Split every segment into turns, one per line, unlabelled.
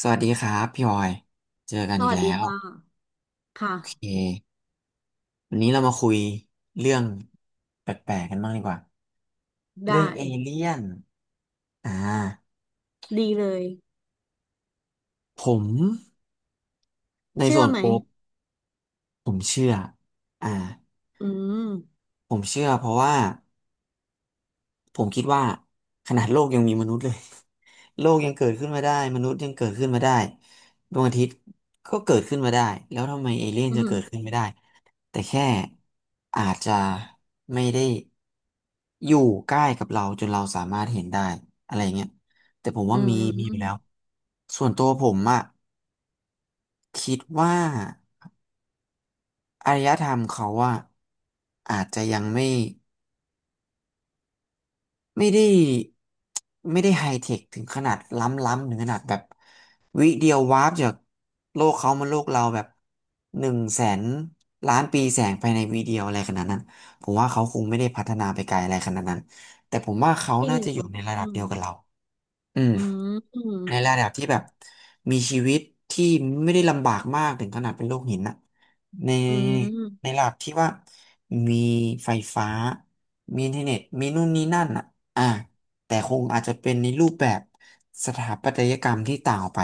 สวัสดีครับพี่ออยเจอกัน
ส
อีก
วัส
แล้
ดี
ว
ค่ะ
โอ
ค่ะ
เควันนี้เรามาคุยเรื่องแปลกๆกันบ้างดีกว่าเรื่อ
ได้
งเอเลี่ยนอ่า
ดีเลย
ผมใน
เชื่อ
ส่วน
ไหม
โปรผมเชื่ออ่า
อืม
ผมเชื่อเพราะว่าผมคิดว่าขนาดโลกยังมีมนุษย์เลย โลกยังเกิดขึ้นมาได้มนุษย์ยังเกิดขึ้นมาได้ดวงอาทิตย์ก็เกิดขึ้นมาได้แล้วทำไมเอเลี่ยน
อื
จะเกิดขึ้น
ม
ไม่ได้ แต่แค่อาจจะไม่ได้อยู่ใกล้กับเราจนเราสามารถเห็นได้อะไรเงี้ยแต่ผม
อื
ว่ามีมีอยู่แล้ว
ม
ส่วนตัวผมอะคิดว่าอารยธรรมเขาอะอาจจะยังไม่ได้ไม่ได้ไฮเทคถึงขนาดล้ำล้ำถึงขนาดแบบวิเดียววาร์ปจากโลกเขามาโลกเราแบบหนึ่งแสนล้านปีแสงภายในวิเดียวอะไรขนาดนั้นผมว่าเขาคงไม่ได้พัฒนาไปไกลอะไรขนาดนั้นแต่ผมว่าเขา
จริง
น่าจะอ
เหร
ยู่
อ
ในระดับ
อื
เดี
ม
ยวกับเราอืม
อืมอืม
ในระดับที่แบบมีชีวิตที่ไม่ได้ลำบากมากถึงขนาดเป็นโลกหินนะใน
อื
ใน
ม
ระดับที่ว่ามีไฟฟ้ามีอินเทอร์เน็ตมีนู่นนี่นั่นอ่ะอ่าแต่คงอาจจะเป็นในรูปแบบสถาปัตยกรรมที่ต่างออกไป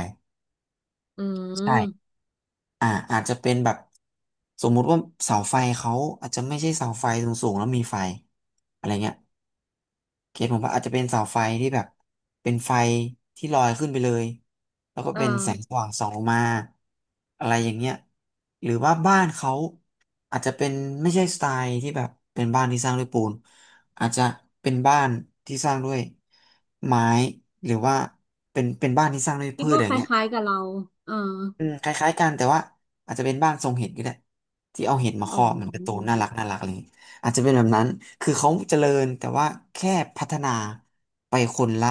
อื
ใช่
ม
อาจจะเป็นแบบสมมุติว่าเสาไฟเขาอาจจะไม่ใช่เสาไฟสูงๆแล้วมีไฟอะไรเงี้ย เขตผมว่าอาจจะเป็นเสาไฟที่แบบเป็นไฟที่ลอยขึ้นไปเลยแล้วก็
เออ
เป็นแสงสว่างส่องลงมาอะไรอย่างเงี้ยหรือว่าบ้านเขาอาจจะเป็นไม่ใช่สไตล์ที่แบบเป็นบ้านที่สร้างด้วยปูนอาจจะเป็นบ้านที่สร้างด้วยไม้หรือว่าเป็นบ้านที่สร้างด้วย
คิ
พื
ด
ช
ว่า
อ
ค
ย่างเงี้ย
ล้ายๆกับเราเออ
อืมคล้ายๆกันแต่ว่าอาจจะเป็นบ้านทรงเห็ดก็ได้ที่เอาเห็ดมาค
อ๋
รอบเหมือนการ์ตูน
อ
น่ารักน่ารักอะไรอย่างงี้อาจจะเป็นแบบนั้นคือเขาเจริญแต่ว่าแค่พัฒนาไปคนละ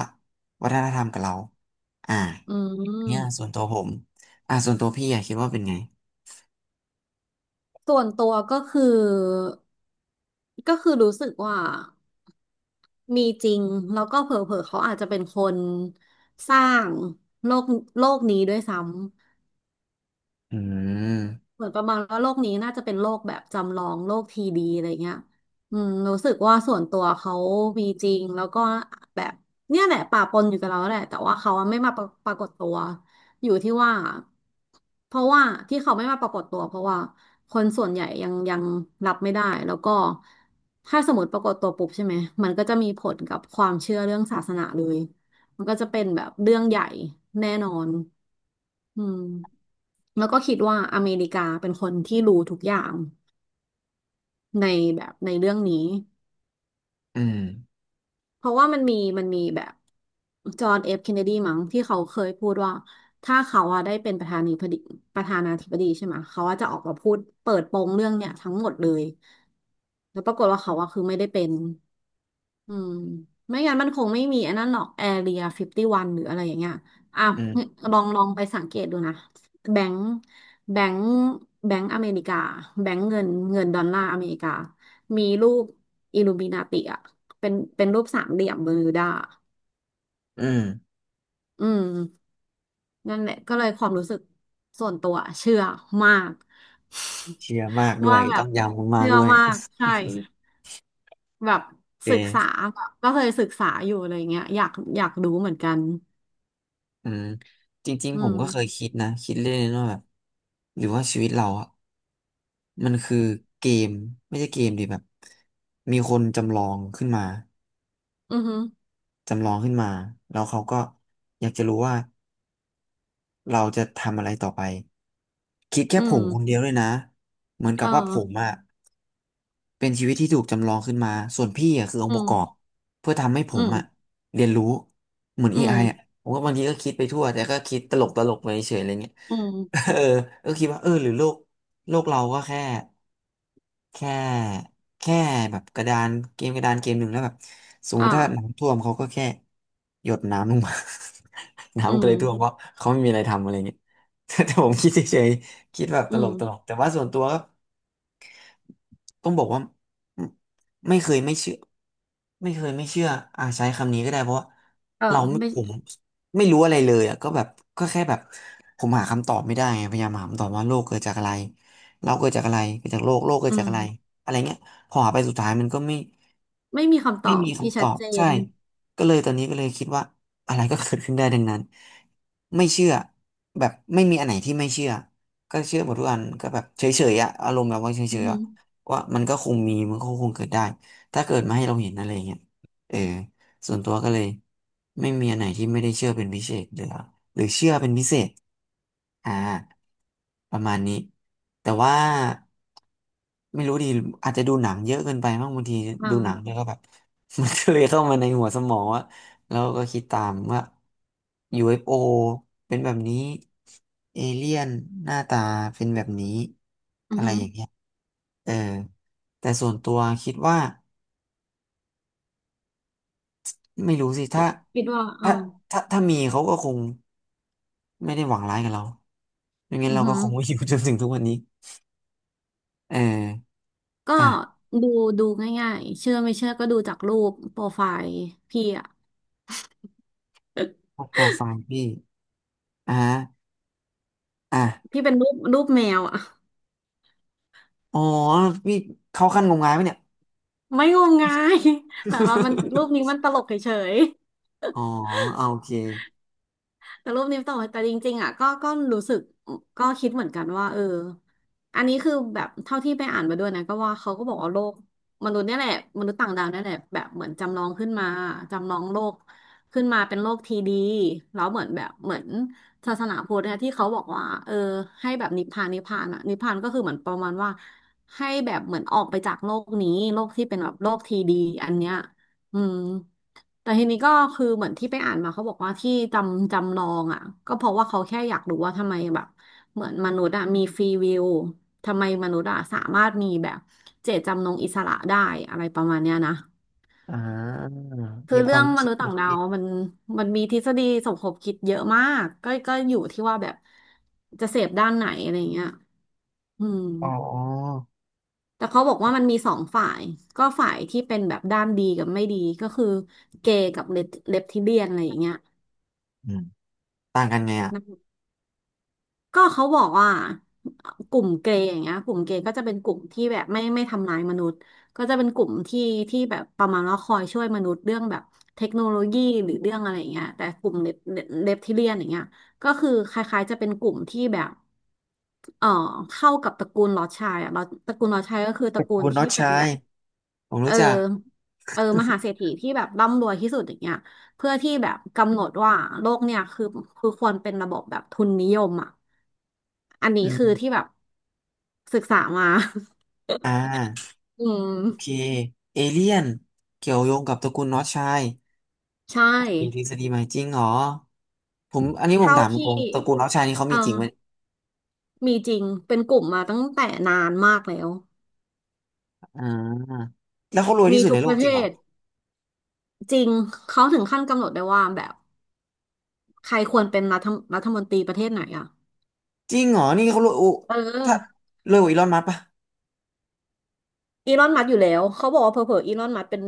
วัฒนธรรมกับเราอ่า
อื
เนี่ยส่ว
ม
นตัวผมส่วนตัวพี่อะคิดว่าเป็นไง
ส่วนตัวก็คือรู้สึกว่า มีจริงแล้วก็เผลอๆเขาอาจจะเป็นคนสร้างโลกโลกนี้ด้วยซ้ำ
อืม
เหมือนประมาณว่าโลกนี้น่าจะเป็นโลกแบบจำลองโลกทีดีอะไรเงี้ยอืมรู้สึกว่าส่วนตัวเขามีจริงแล้วก็แบบเนี่ยแหละป่าปนอยู่กับเราแหละแต่ว่าเขาไม่มาปรากฏตัวอยู่ที่ว่าเพราะว่าที่เขาไม่มาปรากฏตัวเพราะว่าคนส่วนใหญ่ยังรับไม่ได้แล้วก็ถ้าสมมติปรากฏตัวปุ๊บใช่ไหมมันก็จะมีผลกับความเชื่อเรื่องศาสนาเลย มันก็จะเป็นแบบเรื่องใหญ่แน่นอนอืมแล้วก็คิดว่าอเมริกาเป็นคนที่รู้ทุกอย่างในเรื่องนี้
อืม
เพราะว่ามันมีแบบจอห์นเอฟเคนเนดีมั้งที่เขาเคยพูดว่าถ้าเขาอะได้เป็นประธานาธิบดีประธานาธิบดีใช่ไหมเขาอะจะออกมาพูดเปิดโปงเรื่องเนี่ยทั้งหมดเลยแล้วปรากฏว่าเขาอะคือไม่ได้เป็น อืมไม่งั้นมันคงไม่มีไอันนั้นหรอกแอเรียฟิฟตี้วันหรืออะไรอย่างเงี้ยอ่ะ
อืม
ลองไปสังเกตดูนะแบงก์แบงก์แบงก์อเมริกาแบงค์เงินเงินดอลลาร์อเมริกามีรูปอิลูมินาติอ่ะเป็นรูปสามเหลี่ยมเบอร์มิวดา
อืม
อืมนั่นแหละก็เลยความรู้สึกส่วนตัวเชื่อมาก
เชียร์มากด้ ว
ว่า
ย
แบ
ต้อ
บ
งยำมาก
เชื่อ
ๆด้วย
มาก
โ
ใช่ แบบ
อเ
ศึกษา
ค
แบบก็เคยศึกษาอยู่อะไรเงี้ยอยากรู้เหมือนกัน
อืมจริง
อื
ๆผม
ม
ก็เคยคิดนะคิดเล่นๆว่าแบบหรือว่าชีวิตเราอะมันคือเกมไม่ใช่เกมดิแบบมีคนจำลองขึ้นมา
อือหือ
จำลองขึ้นมาแล้วเขาก็อยากจะรู้ว่า เราจะทำอะไรต่อไปคิดแค่
อื
ผม
ม
คนเดียวเลยนะเหมือนกั
เอ
บ
อ
ว่าผมอะเป็นชีวิตที่ถูกจำลองขึ้นมาส่วนพี่อะคืออง
อื
ค์ประ
ม
กอบเพื่อทำให้ผ
อื
ม
ม
อะเรียนรู้เหมือน
อื
AI อ
ม
ไออะผมก็บางทีก็คิดไปทั่วแต่ก็คิดตลกตลกไปเฉยอะไรเงี้ย
อืม
เออก็คิดว่าเออหรือโลกโลกเราก็แค่ แค่แค่แบบกระดานเกมกระดานเกมหนึ่งแล้วแบบสมม
อ่า
ติถ้าน้ำท่วมเขาก็แค่หยดน้ำลงมา
อื
น้ำก็
ม
เลยท่วมเพราะเขาไม่มีอะไรทำอะไรเงี้ย แต่ผมคิดเฉยๆคิดแบบต
อื
ล
ม
กตลกแต่ว่าส่วนตัว ต้องบอกว่าไม่ไม่เคยไม่เชื่อไม่เคยไม่เชื่อใช้คำนี้ก็ได้เพราะว่า
เออ
เราไม่
ไม่
ผมไม่รู้อะไรเลยอ่ะก็แบบก็แค่แบบผมหาคำตอบไม่ได้ไงพยายามหาคำตอบว่าโลกเกิดจากอะไรเราเกิดจากอะไรเกิดจากโลกโลกเกิ
อื
ดจากอะไร
ม
อะไรเงี้ยพอหาไปสุดท้ายมันก็ไม่
ไม่มีคำต
ไม่
อบ
มี
ที่
คำต
ชั
อ
ด
บ
เจ
ใช่
น
ก็เลยตอนนี้ก็เลยคิดว่าอะไรก็เกิดขึ้นได้ดังนั้นไม่เชื่อแบบไม่มีอันไหนที่ไม่เชื่อก็เชื่อหมดทุกอันก็แบบเฉยๆอะอารมณ์แบบว่าเฉ
อือ
ยๆ
หื
อะ
อ
ว่ามันก็คงมีมันก็คงเกิดได้ถ้าเกิดมาให้เราเห็นอะไรอย่างเงี้ยเออ ส่วนตัวก็เลยไม่มีอันไหนที่ไม่ได้เชื่อเป็นพิเศษหรือหรือเชื่อเป็นพิเศษอ่าประมาณนี้แต่ว่าไม่รู้ดีอาจจะดูหนังเยอะเกินไปมั้งบางที
อ่า
ดูหนังแล้วก็แบบ มันก็เลยเข้ามาในหัวสมองว่าแล้วก็คิดตามว่า UFO เอฟโอเป็นแบบนี้เอเลี่ยนหน้าตาเป็นแบบนี้
อือ
อะไร
หือ
อย่างเงี้ยเออแต่ส่วนตัวคิดว่า ไม่รู้สิ
คิ
ถ้า
ดคิดว่าอ่า
ถ้าถ้ามีเขาก็คงไม่ได้หวังร้ายกับเราไม่งั้น
อือ
เราก็
หือ
คงไม่อยู่จนถึงทุกวันนี้เออ
ก็
อ่ะ
ดูดูง่ายๆเชื่อไม่เชื่อก็ดูจากรูปโปรไฟล์พี่อะ
พวกโปรไฟล์พี่อ่ะอ่ะ
พี่เป็นรูปแมวอะ
อ๋อพี่เข้าขั้นงมงายไหมเนี่ย
ไม่งมงาย แต่เรามันรูปนี้ มันตลกเฉย
อ๋อเอาโอเค
ๆแต่รูปนี้ตลกแต่จริงๆอ่ะก็รู้สึกก็คิดเหมือนกันว่าเอออันนี้คือแบบเท่าที่ไปอ่านมาด้วยนะก็ว่าเขาก็บอกว่าโลกมนุษย์เนี่ยแหละมนุษย์ต่างดาวเนี่ยแหละแบบเหมือนจำลองขึ้นมาจำลองโลกขึ้นมาเป็นโลกทีดีแล้วเหมือนแบบเหมือนศาสนาพุทธเนี่ยที่เขาบอกว่าเออให้แบบนิพพานนิพพานอ่ะนิพพานก็คือเหมือนประมาณว่าให้แบบเหมือนออกไปจากโลกนี้โลกที่เป็นแบบโลกทีดีอันเนี้ย อืมแต่ทีนี้ก็คือเหมือนที่ไปอ่านมาเขาบอกว่าที่จำลองอ่ะก็เพราะว่าเขาแค่อยากรู้ว่าทำไมแบบเหมือนมนุษย์อ่ะมีฟรีวิลทำไมมนุษย์อ่ะสามารถมีแบบเจตจำนงอิสระได้อะไรประมาณเนี้ยนะ
อ่า
คือ
มีค
เรื่
วาม
อง
รู้
ม
สึ
นุ
ก
ษย์
น
ต่างดา
ิ
ว
ด
มันมีทฤษฎีสมคบคิดเยอะมากก็อยู่ที่ว่าแบบจะเสพด้านไหนอะไรเงี้ยอืม
ๆอ๋อ
แต่เขาบอกว่ามันมีสองฝ่ายก็ฝ่ายที่เป็นแบบด้านดีกับไม่ดีก็คือเกย์กับเลปทิเลียนอะไรอย่างเงี้ย
อืมต่างกันไงอ่ะ
นะก็เขาบอกว่ากลุ่มเกย์อย่างเงี้ยกลุ่มเกย์ก็จะเป็นกลุ่มที่แบบไม่ทำร้ายมนุษย์ก็จะเป็นกลุ่มที่ที่แบบประมาณว่าคอยช่วยมนุษย์เรื่องแบบเทคโนโลยีหรือเรื่องอะไรอย่างเงี้ยแต่กลุ่มเลปเทเลียนอย่างเงี้ยก็คือคล้ายๆจะเป็นกลุ่มที่แบบ เอ่อเข้ากับตระกูลลอร์ดชายอะลอร์ดตระกูลลอร์ดชายก็คือตระกูล
คุณน็อ
ที่
ต
เป็
ชา
นแบ
ย
บ
ผม
เออ
รู้จัก
มหาเศรษฐีที่แบบร่ำรวยที่สุดอย่างเงี้ยเพื่อที่แบบกำหนดว่าโลกเนี่ยคือควรเป็นระบบแบบทุนนิยมอ่ะอัน
อื
นี้คือ
ม
ที่แบบศึกษามา
อ่า
อื
โอเค
ม
เอเลียนเกี่ยวโยงกับตระกูลน็อตชาย
ใช่
มีทฤษฎีใหม่จริงเหรอผมอันนี้ผม
เท่า
ถามต
ที่
รงตระกูลน็อกชายนี่เขา
เออ
มีจริงไหม
มีจริงเป็นกลุ่มมาตั้งแต่นานมากแล้ว
อ่าแล้วเขารวย
มี
ที่สุด
ทุ
ใน
ก
โล
ป
ก
ระ
จ
เท
ริงเหรอ
ศจริงเขาถึงขั้นกำหนดได้ว่าแบบ ใครควรเป็นรัฐมนตรีประเทศไหนอ่ะ
จริงเหรอนี่เขารวยโอ้
เอ
ถ้า
อ
รวยกว่าอีลอนมัสก์ปะ
อีลอนมัสก์อยู่แล้ว เขาบอกว่าเผลอๆอีลอนมัสก์เป็น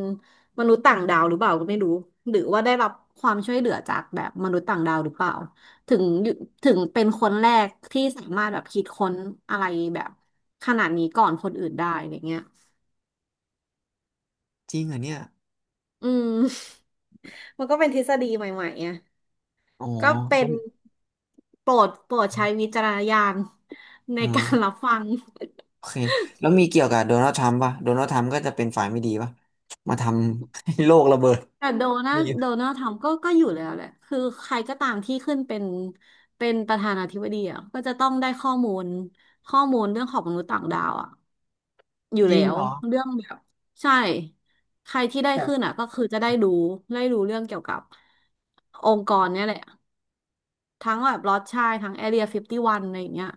มนุษย์ต่างดาวหรือเปล่าก็ไม่รู้ หรือว่าได้รับความช่วยเหลือจากแบบมนุษย์ต่างดาวหรือเปล่า ถึงอยู่ถึงเป็นคนแรกที่สามารถแบบคิดค้นอะไรแบบขนาดนี้ก่อนคนอื่นได้อะไรเงี้ย
จริงเหรอเนี่ย
อืม มันก็เป็นทฤษฎีใหม่ๆอ่ะ
อ๋อ
ก็เป็
แล้
น
ว
โปรดใช้วิจารณญาณใน
อ
การรั
่า
บฟัง
โอเคแล้วมีเกี่ยวกับโดนัลด์ทรัมป์ปะโดนัลด์ทรัมป์ก็จะเป็นฝ่ายไม่ดีปะมาทำให้โลกระเบิด
แต่
มี
โดนัลด์ทำก็ก็อยู่แล้วแหละ คือใครก็ตามที่ขึ้นเป็นประธานาธิบดีอ่ะก็จะต้องได้ข้อมูลเรื่องของมนุษย์ต่างดาวอ่ะอยู่
จริ
แล้
ง
ว
เหรอ
เรื่องแบบใช่ใครที่ได้
ผ
ขึ้น
ม
อ่ะก็คือจะได้รู้เรื่องเกี่ยวกับองค์กรเนี่ยแหละทั้งแบบลอตชายทั้งแอเรียฟิฟตี้วันอะไรอย่างเงี้ย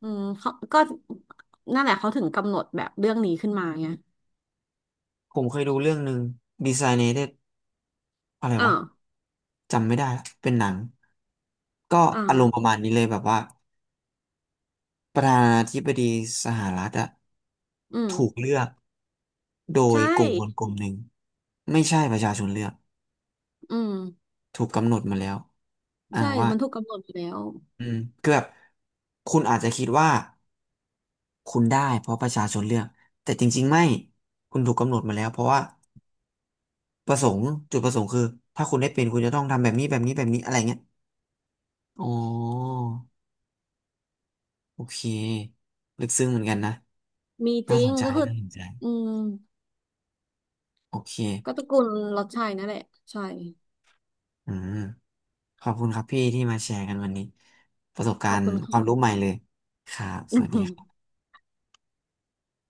อืมเขาก็นั่นแหละเขาถึงกำหนดแบบเรื่องนี้ขึ้นมาไง
ผมเคยดูเรื่องหนึ่ง Designated อะไร
อ่า
วะจำไม่ได้ละเป็นหนังก็
อ่า
อารมณ์ประมาณนี้เลยแบบว่า ประธานาธิบดีสหรัฐอะ
อืม
ถูกเลือกโดย
ใช่
กลุ่มคนกลุ่มหนึ่งไม่ใช่ประชาชนเลือก
อืม
ถูกกำหนดมาแล้ว
ใช่
ว่า
มันถูกกำหนดอยู่แล้ว
อืมคือแบบคุณอาจจะคิดว่าคุณได้เพราะประชาชนเลือกแต่จริงๆไม่คุณถูกกำหนดมาแล้วเพราะว่าประสงค์จุดประสงค์คือถ้าคุณได้เป็นคุณจะต้องทำแบบนี้แบบนี้แบบนี้อะไรเงี้ยอ๋อโอเคลึกซึ้งเหมือนกันนะ
มีจ
น่า
ริ
ส
ง
นใจ
ก็คือ
น่าสนใจ
อืม
โอเค
ก็ตระกูลรสชัยนั่นแหละใช่
อืม ขอบคุณครับพี่ที่มาแชร์กันวันนี้ประสบกา
ขอบ
รณ์
คุณ
ควา
ค่ะ
มรู้ใหม่เลยครับสวัสดีครับ